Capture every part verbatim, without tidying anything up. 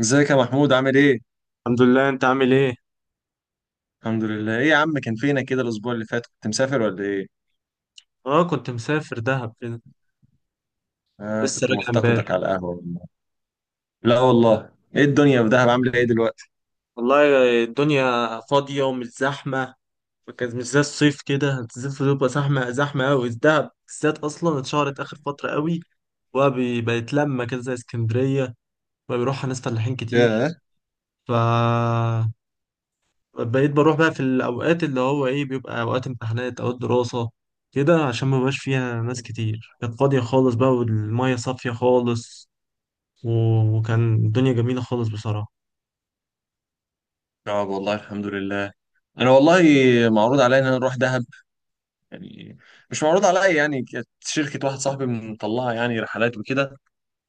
ازيك يا محمود؟ عامل ايه؟ الحمد لله، انت عامل ايه؟ الحمد لله. ايه يا عم، كان فينك كده الاسبوع اللي فات؟ كنت مسافر ولا ايه؟ اه كنت مسافر دهب كده. آه، لسه كنت راجع امبارح. مفتقدك على القهوة والله. لا والله، ايه الدنيا في دهب عاملة ايه دلوقتي؟ والله الدنيا فاضيه ومش زحمه، فكانت مش زي الصيف كده. الصيف بتبقى زحمه زحمه قوي، دهب بالذات اصلا اتشهرت اخر فتره قوي، وبقى بي- بقت لما كده زي اسكندريه، بقى بيروحها ناس فلاحين كتير. ياه. ف بقيت بروح بقى في الاوقات اللي هو ايه بيبقى اوقات امتحانات، اوقات دراسه كده، عشان ما بقاش فيها ناس كتير. كانت فاضيه خالص بقى، والميه صافيه خالص، و- وكان الدنيا جميلة خالص بصراحة. اه والله الحمد لله. انا والله معروض عليا ان انا اروح دهب، يعني مش معروض عليا يعني، كانت شركة واحد صاحبي مطلعها، يعني رحلات وكده.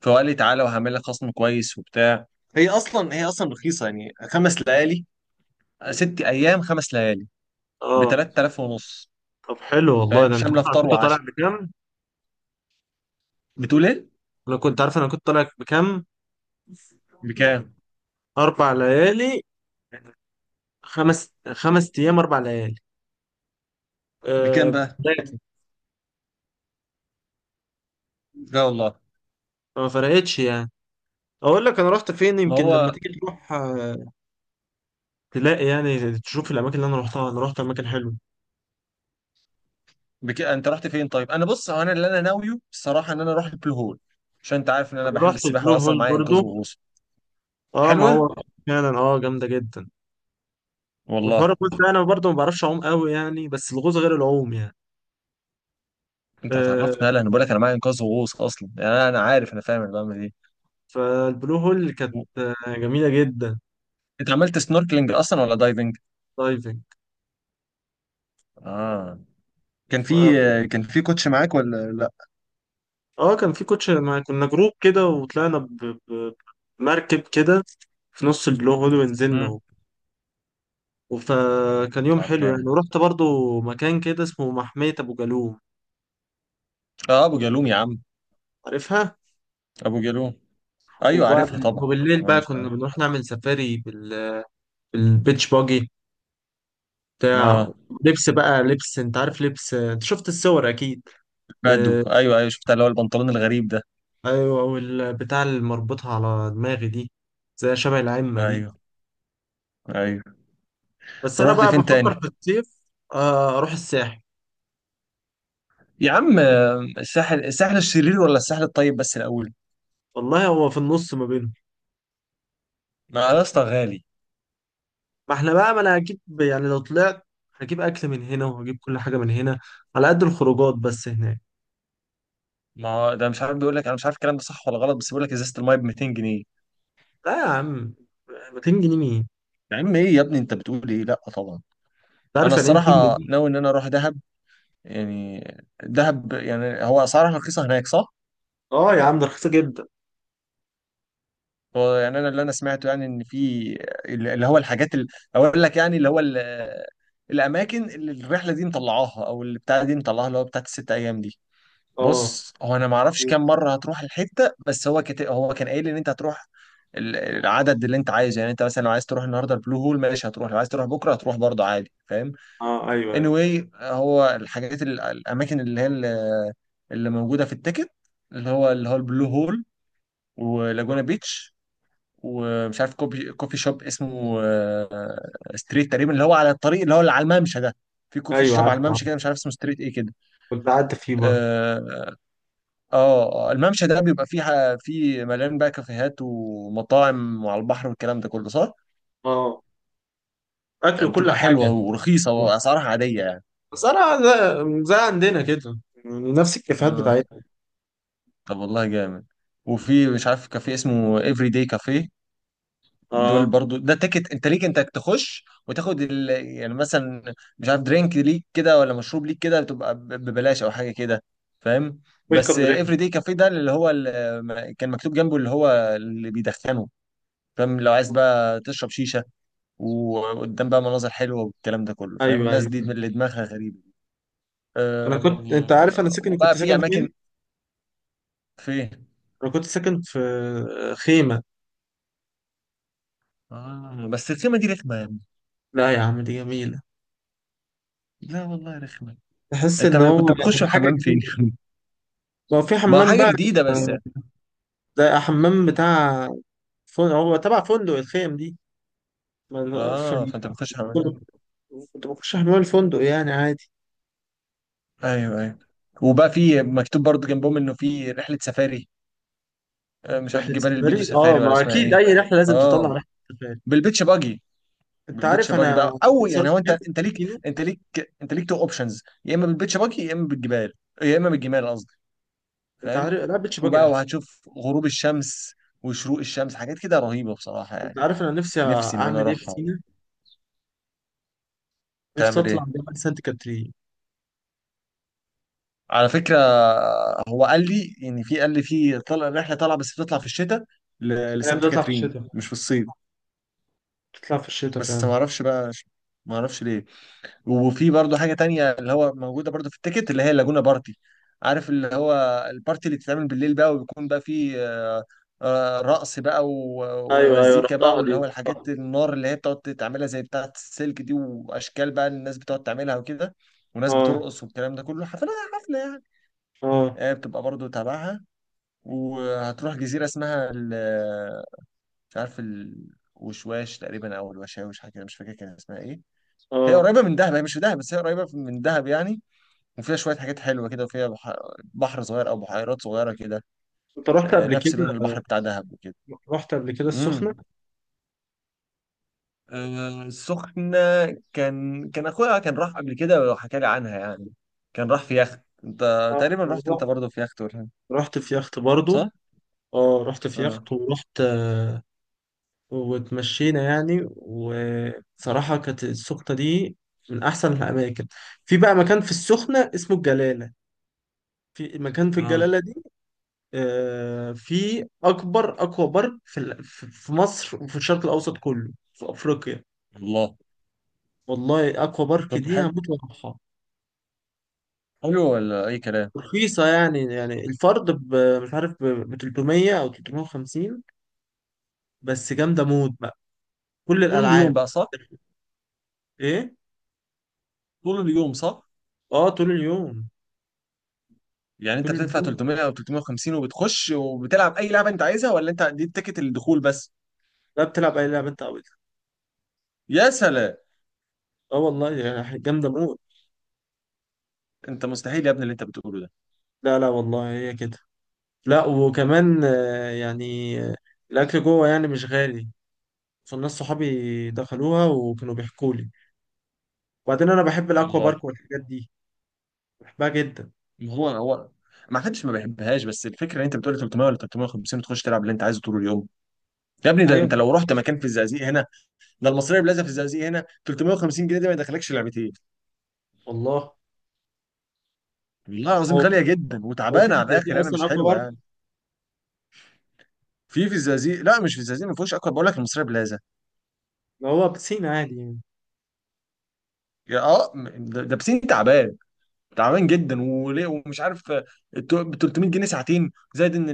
فقال لي تعالى وهعمل لك خصم كويس وبتاع. هي اصلا هي اصلا رخيصة يعني، خمس ليالي ست ايام خمس ليالي، ب اه ثلاثة آلاف ونص، طب حلو والله. فاهم؟ ده انت شاملة عارف انا فطار كنت طالع وعشاء. بكام؟ بتقول ايه؟ انا كنت عارف انا كنت طالع بكام. بكام؟ اربع ليالي، خمس، خمس ايام اربع ليالي. بكام آه، بقى؟ بتاعتي. لا والله. ما فرقتش يعني. اقول لك انا رحت فين ما يمكن لما هو تيجي تروح، آه، تلاقي يعني تشوف الاماكن اللي انا رحتها. انا رحت اماكن حلوه، بك... انت رحت فين طيب؟ انا بص، هو انا اللي انا ناويه بصراحه ان انا اروح البلو هول، عشان انت عارف ان انا انا بحب رحت السباحه، البلو واصلا هول معايا برضو. انقاذ وغوص. اه ما حلوه؟ هو فعلا اه جامده جدا. والله. وفرق، قلت انا برضو ما بعرفش اعوم قوي يعني، بس الغوص غير العوم يعني. انت آه، هتعرفني، يلا انا بقول لك انا معايا انقاذ وغوص اصلا يعني، انا أنا عارف، انا فاهم انا بعمل ايه. فالبلو هول كانت و- جميلة جدا. انت عملت سنوركلينج اصلا ولا دايفنج؟ دايفنج. اه. كان ف... في كان في كوتش معاك ولا لا؟ اه كان في كوتش مع... كنا جروب كده، وطلعنا ب... ب... بمركب كده في نص البلو هول ونزلنا امم. و- فكان يوم طب حلو يعني. جامد. ورحت برضو مكان كده اسمه محمية أبو جالوم، اه ابو جالوم يا عم، عارفها. ابو جالوم، ايوه عارفها وبعد طبعا. وبالليل آه، بقى مش كنا عارف. بنروح نعمل سفاري بال... بالبيتش باجي بتاع، اه لبس بقى لبس، انت عارف لبس، انت شفت الصور اكيد. بدو، آه، ايوه ايوه شفتها، اللي هو البنطلون الغريب ده. ايوه والبتاع اللي مربوطها على دماغي دي زي شبه العمة دي. ايوه ايوه. بس انا رحت بقى فين بفكر تاني؟ في الصيف. آه، اروح الساحل. يا عم، آه، الساحل، الساحل الشرير ولا الساحل الطيب بس الاول؟ والله هو في النص ما بينهم. ما يا اسطى غالي. ما احنا بقى، ما انا هجيب يعني لو طلعت، هجيب اكل من هنا وهجيب كل حاجة من هنا، على قد الخروجات بس هناك. ما هو ده، مش عارف، بيقول لك، انا مش عارف الكلام ده صح ولا غلط، بس بيقول لك ازازه المايه ب ميتين جنيه. لا يا عم، مئتين جنيه مين؟ يا عم ايه يا ابني، انت بتقول ايه؟ لا طبعا. انت انا عارف يعني ايه مئتين جنيه الصراحه دي؟ ناوي ان انا اروح دهب، يعني دهب يعني هو اسعارها رخيصه هناك صح. اه يا عم، ده رخيصة جدا. هو يعني انا اللي انا سمعته يعني، ان في اللي هو الحاجات اللي، اقول لك يعني، اللي هو ال- الاماكن اللي الرحله دي مطلعاها، او اللي بتاع دي مطلعاها، اللي هو بتاعت الست ايام دي. اه. بص هو انا ما اعرفش كام مره هتروح الحته، بس هو كت... هو كان قايل ان انت هتروح ال- العدد اللي انت عايزه، يعني انت مثلا لو عايز تروح النهارده البلو هول ماشي هتروح، لو عايز تروح بكره هتروح برضه عادي، فاهم؟ اه ايوه ايوه. anyway، هو الحاجات ال- الاماكن اللي هي ال- اللي موجوده في التيكت، اللي هو اللي هو البلو هول، ولاجونا بيتش، ومش عارف كوفي، كوفي شوب اسمه آه، ستريت تقريبا، اللي هو على الطريق اللي هو اللي على الممشى ده، في كوفي ايوه شوب على عارف عارف. الممشى كده، مش عارف اسمه ستريت ايه كده. كنت قعدت فيه برضه. آه، اه. آه، الممشى ده بيبقى فيه ح- فيه مليان بقى كافيهات ومطاعم، وعلى البحر والكلام ده كله، صح؟ اه، اكل وكل بتبقى حاجة حلوة يعني. ورخيصة، وأسعارها عادية يعني. بس انا زي, زي عندنا كده، يعني نفس الكافيهات اه بتاعتنا. طب والله جامد. وفي، مش عارف، كافيه اسمه افري داي كافيه، دول اه برضو ده تيكت انت ليك، انت تخش وتاخد ال... يعني مثلا مش عارف درينك ليك كده، ولا مشروب ليك كده، بتبقى ب- ببلاش او حاجه كده، فاهم؟ ويلكم بس درينك. افري داي كافيه ده، اللي هو ال... كان مكتوب جنبه اللي هو اللي بيدخنه، فاهم؟ لو عايز بقى تشرب شيشه، وقدام بقى مناظر حلوه والكلام ده كله، فاهم؟ ايوه الناس ايوه. دي من اللي دماغها غريبه. انا كنت، انت أم... عارف انا آه، ساكن وبقى كنت في ساكن اماكن. فين؟ فين؟ انا كنت ساكن في خيمه. آه بس الخيمه دي رخمه يا ابني. لا يا عم دي جميله، لا والله رخمه. تحس انت ان ما هو كنت بتخش يعني حاجه الحمام فين؟ جديده. هو في ما هو حمام حاجه بقى، جديده بس. ده حمام بتاع فندق، هو تبع فندق الخيم دي. ما- اه في- فانت بتخش الحمام. كنت بخش حمام الفندق يعني عادي. ايوه ايوه. وبقى في مكتوب برضو جنبهم انه في رحله سفاري، آه، مش عارف رحله جبال البيدو سفاري، اه سفاري ولا ما اسمها اكيد ايه. اي رحله لازم تطلع اه رحله سفاري. بالبيتش باجي. انت بالبيتش عارف باجي انا بقى، او نفسي يعني اروح هو انت، انت ليك فين؟ انت ليك انت ليك تو اوبشنز، يا اما بالبيتش باجي، يا اما بالجبال، يا اما بالجمال قصدي، انت عارف، فاهم؟ لا بيتش باجي وبقى احسن. وهتشوف غروب الشمس وشروق الشمس، حاجات كده رهيبه بصراحه انت يعني. عارف انا نفسي نفسي ان انا اعمل ايه في اروحها. سينا؟ نفسي تعمل اطلع ايه؟ جبل سانت كاترين. على فكره هو قال لي، يعني في، قال لي في طلع رحله طالعه، بس بتطلع في الشتاء، ل- هي لسانت بتطلع في كاترين، الشتاء، مش في الصيف. بتطلع في الشتاء بس فعلا. ما اعرفش بقى، ما اعرفش ليه. وفي برضه حاجة تانية، اللي هو موجودة برضه في التيكت، اللي هي اللاجونا بارتي، عارف؟ اللي هو البارتي اللي بتتعمل بالليل بقى، وبيكون بقى فيه آه، آه، رقص بقى و- ايوه ايوه، ومزيكا بقى، رحتها دي، واللي هو الحاجات رحتها. النار اللي هي بتقعد تعملها، زي بتاعة السلك دي، وأشكال بقى الناس بتقعد تعملها وكده، وناس اه بترقص والكلام ده كله، حفلة حفلة يعني. اه آه، بتبقى برضه تابعها. وهتروح جزيرة اسمها ال- مش عارف الوشواش تقريبا، أو الوشاوش، حاجة كده، مش فاكر كان اسمها إيه. هي اه. قريبة من دهب، هي مش في دهب بس هي قريبة من دهب يعني. وفيها شوية حاجات حلوة كده، وفيها بح- بحر صغير، أو بحيرات صغيرة كده، انت رحت آه، قبل كده؟ نفس لون البحر بتاع دهب وكده. رحت قبل كده السخنة؟ امم. آه، السخنة، كان كان أخويا كان راح قبل كده، وحكى لي عنها يعني، كان راح في يخت، أنت اه تقريبا أنا رحت رحت، أنت برضه في يخت ولا؟ رحت في يخت برضو. صح؟ اه رحت في اه. يخت ورحت، آه، واتمشينا يعني. وصراحة كانت السخنة دي من أحسن الأماكن. في بقى مكان في السخنة اسمه الجلالة، في مكان في اه. الجلالة دي، آه، في اكبر اكوا بارك في ال- في في مصر وفي الشرق الاوسط كله، في افريقيا. الله. والله اكوا بارك طب دي حلو. هموت واروحها. حلو ولا أي كلام؟ رخيصه يعني، يعني الفرد ب- مش عارف ب ب تلتمية او تلتمية وخمسين. بس جامده موت بقى، كل طول اليوم الالعاب. بقى صح؟ ايه؟ طول اليوم صح؟ اه طول اليوم، يعني أنت طول بتدفع اليوم. تلتمية أو ثلاثمائة وخمسين، وبتخش وبتلعب أي لعبة أنت عايزها، ولا أنت دي تيكت الدخول بس؟ لا بتلعب اي لعبه انت عاوزها. يا سلام. اه والله يعني جامده موت. أنت مستحيل يا ابني اللي أنت بتقوله ده. لا لا والله هي كده. لا وكمان، آه، يعني، آه، الاكل جوه يعني مش غالي. فالناس صحابي دخلوها وكانوا بيحكوا لي. وبعدين انا بحب الاكوا بارك والله. والحاجات دي، بحبها جدا. ما هو هو ما حدش ما بيحبهاش، بس الفكره ان انت بتقول تلتمية ولا تلتمية وخمسين، وتخش تلعب اللي انت عايزه طول اليوم. يا ابني ده ايوه انت لو رحت مكان في الزقازيق هنا، ده المصريه بلازا في الزقازيق هنا، تلتمية وخمسين جنيه دي ما يدخلكش لعبتين. والله. والله العظيم هو في غاليه جدا هو وتعبانه في على زي دي الاخر، انا اصلا مش اكوا حلوه بارك؟ يعني. في، في الزقازيق، لا، مش في الزقازيق ما فيهوش اكتر، بقول لك المصريه بلازا. ما هو بسين عادي يعني. يا اه م- ده ده بسين تعبان، تعبان جدا، وليه ومش عارف، آه، التو- ب تلتمية جنيه ساعتين زائد ان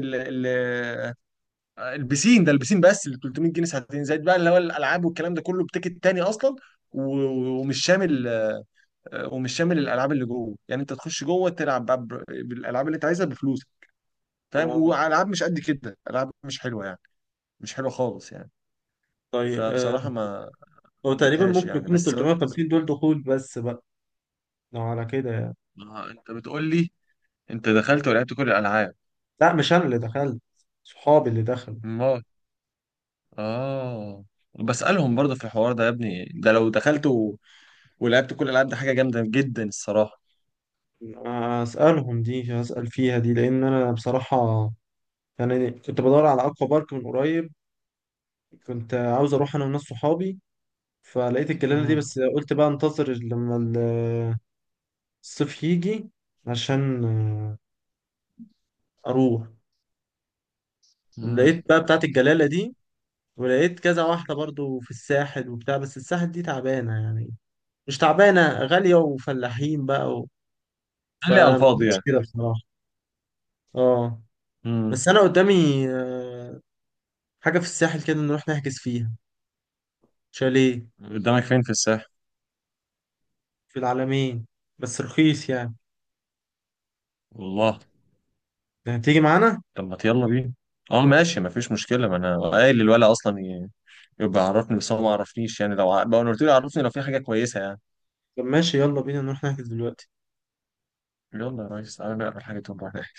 البسين ده البسين بس ال تلتمية جنيه ساعتين زائد بقى، اللي هو الالعاب والكلام ده كله، بتيكت تاني اصلا، و- ومش شامل آه، ومش شامل الالعاب اللي جوه يعني، انت تخش جوه تلعب بقى ب- بالالعاب اللي انت عايزها بفلوس، فاهم؟ اه. والعاب مش قد كده، العاب مش حلوه يعني، مش حلوه خالص يعني. طيب آه. فبصراحه ما هو تقريبا حبيتهاش ممكن يعني، يكون ال بس هو انت ز- تلتمية وخمسين دول دخول بس بقى، لو على كده يعني. آه، انت بتقول لي انت دخلت ولعبت كل الالعاب. لا مش انا اللي دخلت، صحابي اللي دخلوا. ما اه، بسالهم برضه في الحوار ده يا ابني، ده لو دخلت و- ولعبت كل الالعاب ده حاجه جامده جدا الصراحه. اسالهم دي، اسال فيها دي، لان انا بصراحه يعني كنت بدور على اكوا بارك من قريب، كنت عاوز اروح انا وناس صحابي. فلقيت الجلالة دي مم. بس قلت بقى انتظر لما ال- الصيف يجي عشان، آه، اروح. مم. لقيت بقى بتاعت الجلالة دي، ولقيت كذا واحدة برضو في الساحل وبتاع، بس الساحل دي تعبانة يعني، مش تعبانة غالية وفلاحين بقى، و... قال لي على الفاضي فمش يعني. كده بصراحة. اه. مم. بس انا قدامي، آه، حاجة في الساحل كده نروح نحجز فيها شاليه، قدامك فين في الساحل؟ في العلمين، بس رخيص يعني. والله. يعني تيجي معانا. طب ما يلا بينا. اه ماشي مفيش مشكلة، ما انا قايل للولد اصلا، ي- يبقى عرفني، بس هو ما عرفنيش يعني، لو ع- بقى انا قلت له عرفني لو في حاجة كويسة يعني. طب ماشي يلا بينا نروح نحجز دلوقتي. يلا يا ريس تعالى نقرا الحاجة تقوم رايح.